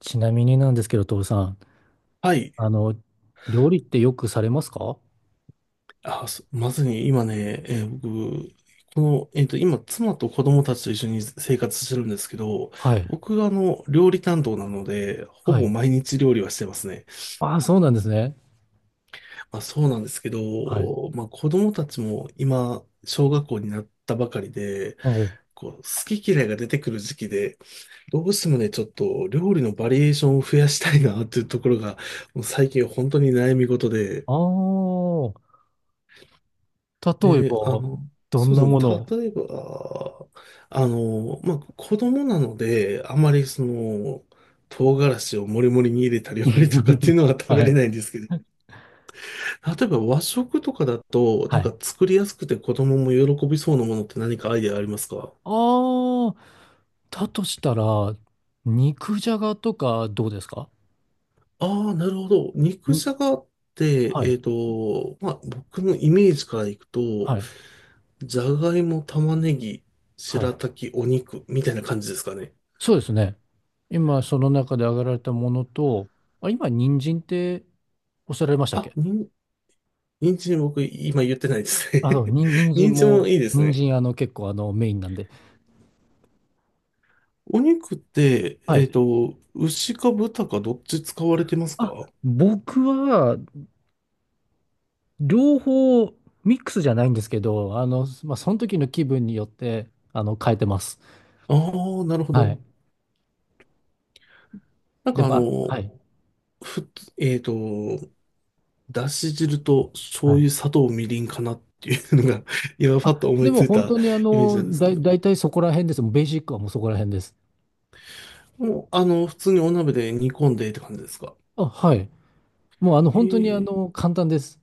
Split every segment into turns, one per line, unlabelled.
ちなみになんですけど、徹さん、
はい。
あの、料理ってよくされますか？
あ、そまずに今ね、僕、この、今、妻と子供たちと一緒に生活してるんですけど、
はい。
僕が料理担当なので、ほ
は
ぼ
い。
毎日料理はしてますね。
ああ、そうなんですね。
まあ、そうなんですけど、
はい。
まあ、子供たちも今、小学校になったばかりで、
お、
こう、好き嫌いが出てくる時期で、どうしてもね、ちょっと料理のバリエーションを増やしたいなっていうところが、もう最近本当に悩み事で、
ああー、例え
で、あ
ば、
の、
ど
そ
ん
う
な
で
も
す
の
ね。
を。
例えば、あの、まあ、子供なので、あまりその、唐辛子をもりもりに入れたり割りとかっていう のは食べ
は
れ
い。
ないんですけど、例えば和食とかだと、な
は
んか
い。
作りやすくて子供も喜びそうなものって何かアイデアありますか？
ああ、だとしたら、肉じゃがとかどうですか？
ああ、なるほど。肉
に、
じゃがって、
はい。
まあ、僕のイメージからいくと、
はい。
じゃがいも、玉ねぎ、
は
白
い。
滝、お肉みたいな感じですかね。
そうですね。今、その中で挙げられたものと、あ、今、人参っておっしゃられましたっ
あ、
け？
に人参僕今言ってないです
あ、そ
ね。
う、に 人参
人参も
も、
いいです
人
ね。
参結構メインなんで。
お肉って、
はい。
牛か豚かどっち使われてますか？
あ、僕は両方ミックスじゃないんですけど、その時の気分によって、変えてます。
ああ、なるほ
は
ど。
い。
なん
で、
かあ
まあ、は
の、
い。
ふ、えっと、だし汁と
は
醤
い。
油、砂糖、みりんかなっていうのが、 今パッと
あ、
思
で
いつ
も
い
本
た
当に
イメージなんです
だ
けど。
い、だそこら辺です。もうベーシックはもうそこら辺です。
もう、あの、普通にお鍋で煮込んでって感じですか？
あ、はい。もう本当に
え
簡単です。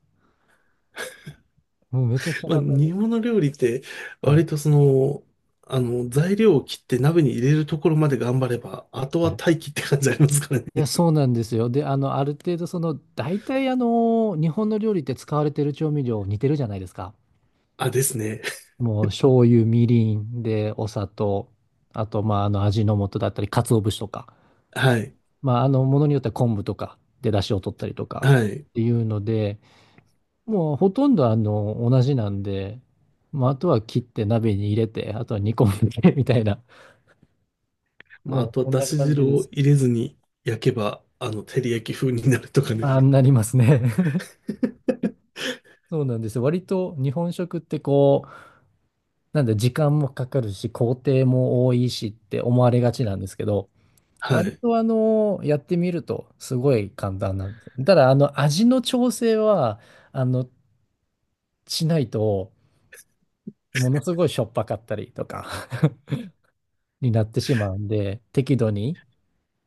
もうめちゃくちゃ
まあ、
簡単で
煮
す。
物料理って、
はい。
割とその、あの、材料を切って鍋に入れるところまで頑張れば、あと
は
は
い。
待機って感じありますから
いや、
ね。
そうなんですよ。で、ある程度、その、大体、日本の料理って使われてる調味料似てるじゃないですか。
あ、ですね。
もう、醤油、みりんで、お砂糖、あと、まあ、味の素だったり、鰹節とか、
はい。
まあ、ものによっては昆布とかで、出汁を取ったりとか
はい。
っていうので、もう、ほとんど、同じなんで、まあ、あとは切って鍋に入れて、あとは煮込んで、みたいな、
まあ、
も
あ
う、
とは
こん
だ
な
し
感じ
汁
で
を
す
入
ね。
れずに焼けば、あの、照り焼き風になるとかね。
あ、なりますね。そうなんですよ。割と日本食ってこう、なんで時間もかかるし、工程も多いしって思われがちなんですけど、
は
割
い。
とやってみるとすごい簡単なんです。ただ味の調整は、あの、しないと、ものすごいしょっぱかったりとか になってしまうんで、適度に、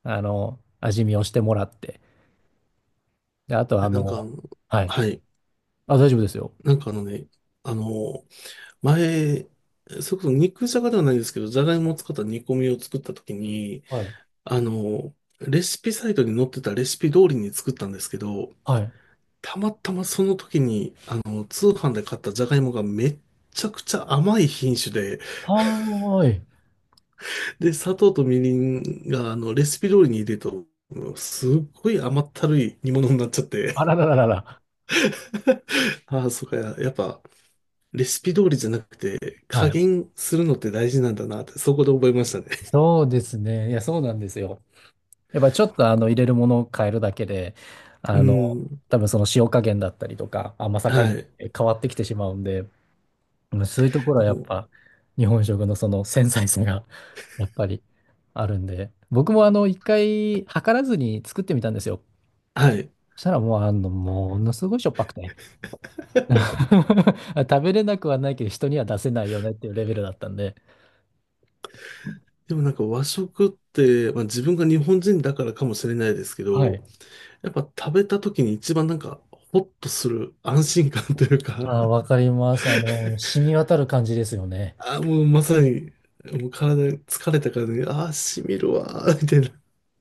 味見をしてもらって、で、あと
え
はい。
はい。
あ、大丈夫ですよ。
なんかあのね、あの、前、それこそ肉じゃがではないんですけど、じゃがいもを使った煮込みを作った時に、
はい。
あの、レシピサイトに載ってたレシピ通りに作ったんですけど、
はい。
たまたまその時に、あの、通販で買ったじゃがいもがめっちゃくちゃ甘い品種で、
はーい。
で、砂糖とみりんが、あの、レシピ通りに入れると、すっごい甘ったるい煮物になっちゃって、
あららららら。
ああ、そうか、ややっぱ、レシピ通りじゃなくて、
は
加
い。
減するのって大事なんだなって、そこで覚えましたね。
そうですね。いや、そうなんですよ。やっぱちょっと入れるものを変えるだけで、
う
あの、
ん、
多分その塩加減だったりとか甘さ加
は
減っ
い。
て変わってきてしまうんで、うん、そういうところ
で
はやっ
も、
ぱ日本食のその繊細さが やっぱりあるんで、僕も一回測らずに作ってみたんですよ。
はい。
そしたらもうものすごいしょっぱくて。食べれなくはないけど人には出せないよねっていうレベルだったんで。
でもなんか和食って、まあ、自分が日本人だからかもしれないですけ
はい。
ど、やっぱ食べた時に一番なんかホッとする安心感というか、
あ ー、わかります。染み渡る感じですよね。
ああ、もうまさに、もう体疲れたからね、ああ、しみるわー、みたいな、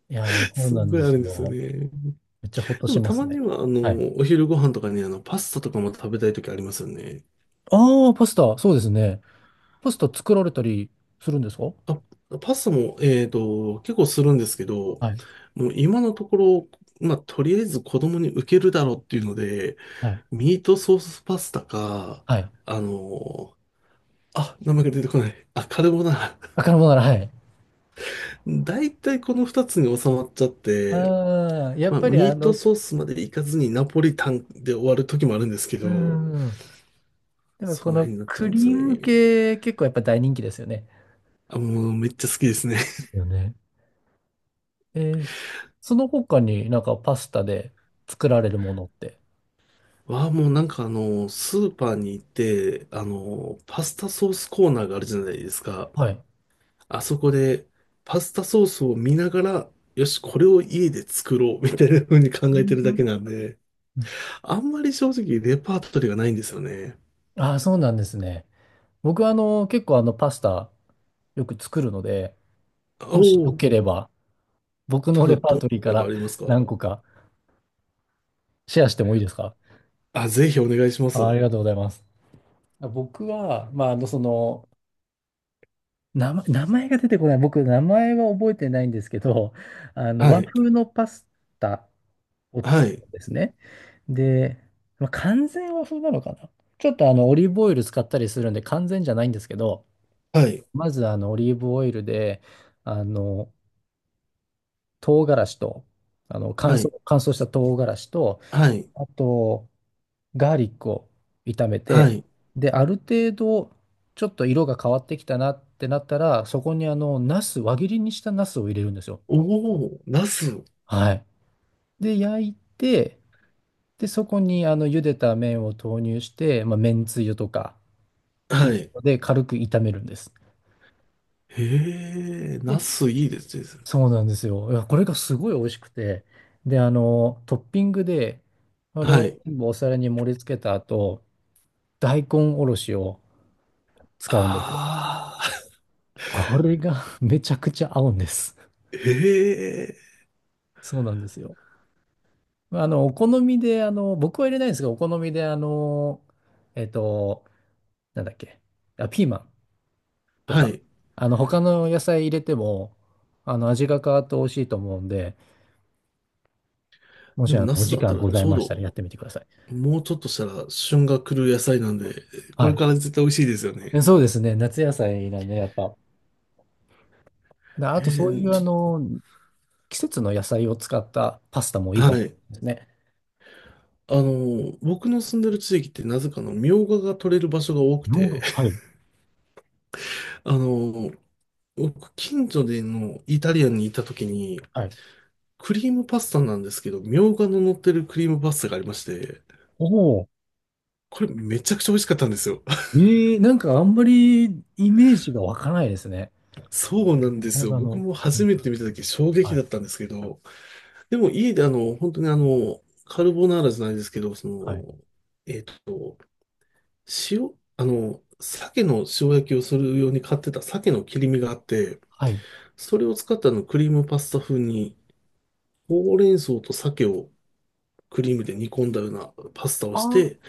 いやー、そう
すっ
なん
ごい
で
あ
す
るんですよ
よ。
ね。
めっちゃほっと
で
し
も
ま
た
す
まに
ね。
は、あ
はい。
の、お昼ご飯とかにあの、パスタとかも食べたい時ありますよね。
ああ、パスタ、そうですね。パスタ作られたりするんですか？
あ、パスタも、結構するんですけど、
はい。
もう今のところ、まあ、とりあえず子供に受けるだろうっていうので、
はい。
ミートソースパスタか、
はい。
あの、あ、名前が出てこない。あ、カルボナーラ。
あ、カルボナーラ、はい。
だいたいこの二つに収まっちゃって、
ああ、やっ
まあ、
ぱり
ミートソースまでいかずにナポリタンで終わる時もあるんですけ
う
ど、
ん。でも
そ
こ
の
の
辺になっちゃ
ク
うんです
リー
よ
ム
ね。
系、結構やっぱ大人気ですよね。
あ、もうめっちゃ好きですね。
よね。えー、その他になんかパスタで作られるものって。
わあ、もうなんかあの、スーパーに行って、あの、パスタソースコーナーがあるじゃないですか。
はい。
あそこで、パスタソースを見ながら、よし、これを家で作ろう、みたいな風に考
う
えてるだ
ん。
けなんで、あんまり正直レパートリーがないんですよね。
ああ、そうなんですね。僕は結構パスタよく作るので、
お
もしよ
お、
ければ、僕
た
のレ
だ、
パ
ど
ー
んな
トリー
こ
か
とが
ら
ありますか？
何個かシェアしてもいいですか？
あ、ぜひお願いしま
あ、あ
す。
りがとうございます。僕は、まあ、名前が出てこない。僕、名前は覚えてないんですけど、
は
和
い。
風のパスタを
は
作
い。
るんですね。で、まあ、完全和風なのかな。ちょっとオリーブオイル使ったりするんで、完全じゃないんですけど、
はい。
まず、オリーブオイルで、あの、唐辛子と、乾
は
燥、
い。
乾燥した唐辛子と、
はい。
あと、ガーリックを炒め
は
て、
い。
で、ある程度、ちょっと色が変わってきたなってなったら、そこにナス、輪切りにしたナスを入れるんですよ。
おお、ナス。
はい。で、焼いて、で、そこに茹でた麺を投入して、まあ、麺つゆとかっていう
はい。
ので、軽く炒めるんです。
へえ、ナ
で、
スいいですね。
そうなんですよ。いや、これがすごい美味しくて、で、トッピングで、それ
はい。
を全部お皿に盛り付けた後、大根おろしを使うんですよ。
ああ、
これが めちゃくちゃ合うんです。
へえ。
そうなんですよ。お好みで、僕は入れないんですが、お好みで、えっと、なんだっけ、あ、ピーマンと
は
か、
い。
他の野菜入れても、味が変わって美味しいと思うんで、も
で
し、
もナ
お
ス
時
だった
間
ら
ござ
ち
い
ょう
ました
ど、
らやってみてください。
もうちょっとしたら旬が来る野菜なんで、こ
は
れ
い。
から絶対美味しいですよね。
で、そうですね、夏野菜なんで、やっぱ。な
え
あと、そうい
ー、
う、
ちょっ
季節の野菜を使ったパスタもい
と、
いか
は
も
い。
ですね。
あの、僕の住んでる地域ってなぜかの、みょうがが取れる場所が多く
ヨーロッ
て、
パ、はい。
あの、僕、近所でのイタリアンにいた時に、
はい。
クリームパスタなんですけど、みょうがの乗ってるクリームパスタがありまして、
おお。
これめちゃくちゃ美味しかったんですよ。
ええ、なんかあんまりイメージが湧かないですね。
そうなんで
動
すよ。
画
僕
の、
も初めて見た時衝
は
撃
い、
だったんですけど、でも家であの、本当にあの、カルボナーラじゃないですけど、そ
はい、
の、えっと、塩、あの、鮭の塩焼きをするように買ってた鮭の切り身があって、
はい。
それを使ったあのクリームパスタ風に、ほうれん草と鮭をクリームで煮込んだようなパスタを
あ
して、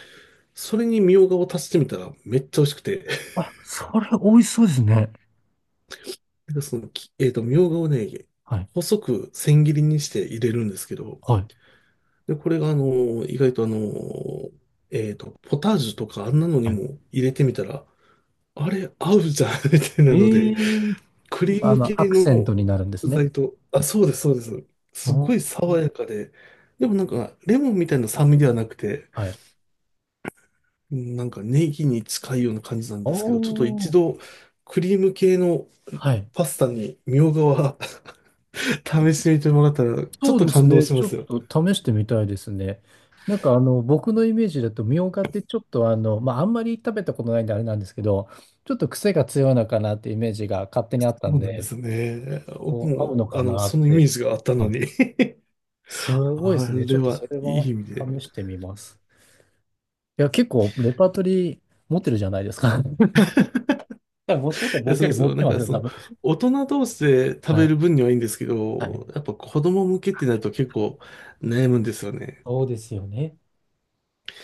それにみょうがを足してみたらめっちゃ美味しくて、
あ、あ、それ美味しそうですね。
なんかそのき、みょうがをね、
はい、
細く千切りにして入れるんですけど、
はい、
で、これがあの、意外とあの、ポタージュとかあんなのに
はい。
も入れてみたら、あれ、合うじゃん みたいなの
え
で、
え、
クリーム系
アクセン
の
トになるんです
具
ね。
材と、あ、そうです、そうです。すご
お
い
ー、
爽やかで、でもなんか、レモンみたいな酸味ではなくて、
はい。
うんなんかネギに近いような感じなん
お
ですけど、ちょっと一
ー、
度、クリーム系の
はい。
パスタにみょうがは 試してみてもらったら、ちょっ
そう
と
です
感動
ね。
し
ち
ま
ょ
すよ。
っと試してみたいですね。なんか僕のイメージだと、みょうがってちょっとあんまり食べたことないんであれなんですけど、ちょっと癖が強いのかなってイメージが勝手に
そ
あったん
うなんで
で、
すよね。僕
こう合う
も、
のか
あの、
な
そ
っ
のイメー
て。
ジがあった
あ、
のに
す ごいで
あ
すね。ち
れ
ょっと
は
それ
い
は
い意味で
試してみます。いや、結構レパートリー持ってるじゃないですか。多分もしかしたら
いや、
僕
そう
よ
で
り
す
持っ
よ。な
て
ん
ま
か
すよ、
そ
多
の、
分。
大人同士で食
は
べる
い。
分にはいいんですけ
はい。
ど、やっぱ子供向けってなると結構悩むんですよね。
そうですよね。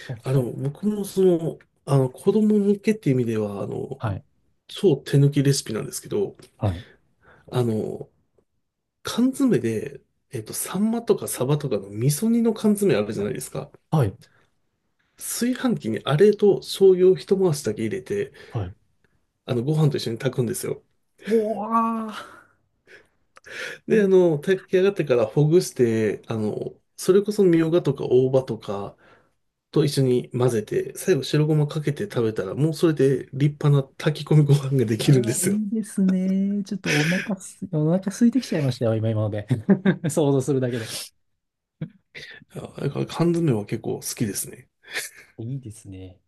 は
あの、
い。
僕もその、あの、子供向けっていう意味では、あの、
はい。
超手抜きレシピなんですけど、
はい。
あの、缶詰で、サンマとかサバとかの味噌煮の缶詰あるじゃないですか。
はい。
炊飯器にあれと醤油を一回しだけ入れて、
はい、
あの、ご飯と一緒に炊くんですよ。
おわー。い
で、あ
や
の、炊き上がってからほぐして、あの、それこそみょうがとか大葉とかと一緒に混ぜて、最後白ごまかけて食べたら、もうそれで立派な炊き込みご飯ができるんで
ー、
すよ。
いいですね。ちょっとお腹空いてきちゃいましたよ、今、今ので。想像するだけで。
あだから缶詰は結構好きですね。
いいですね。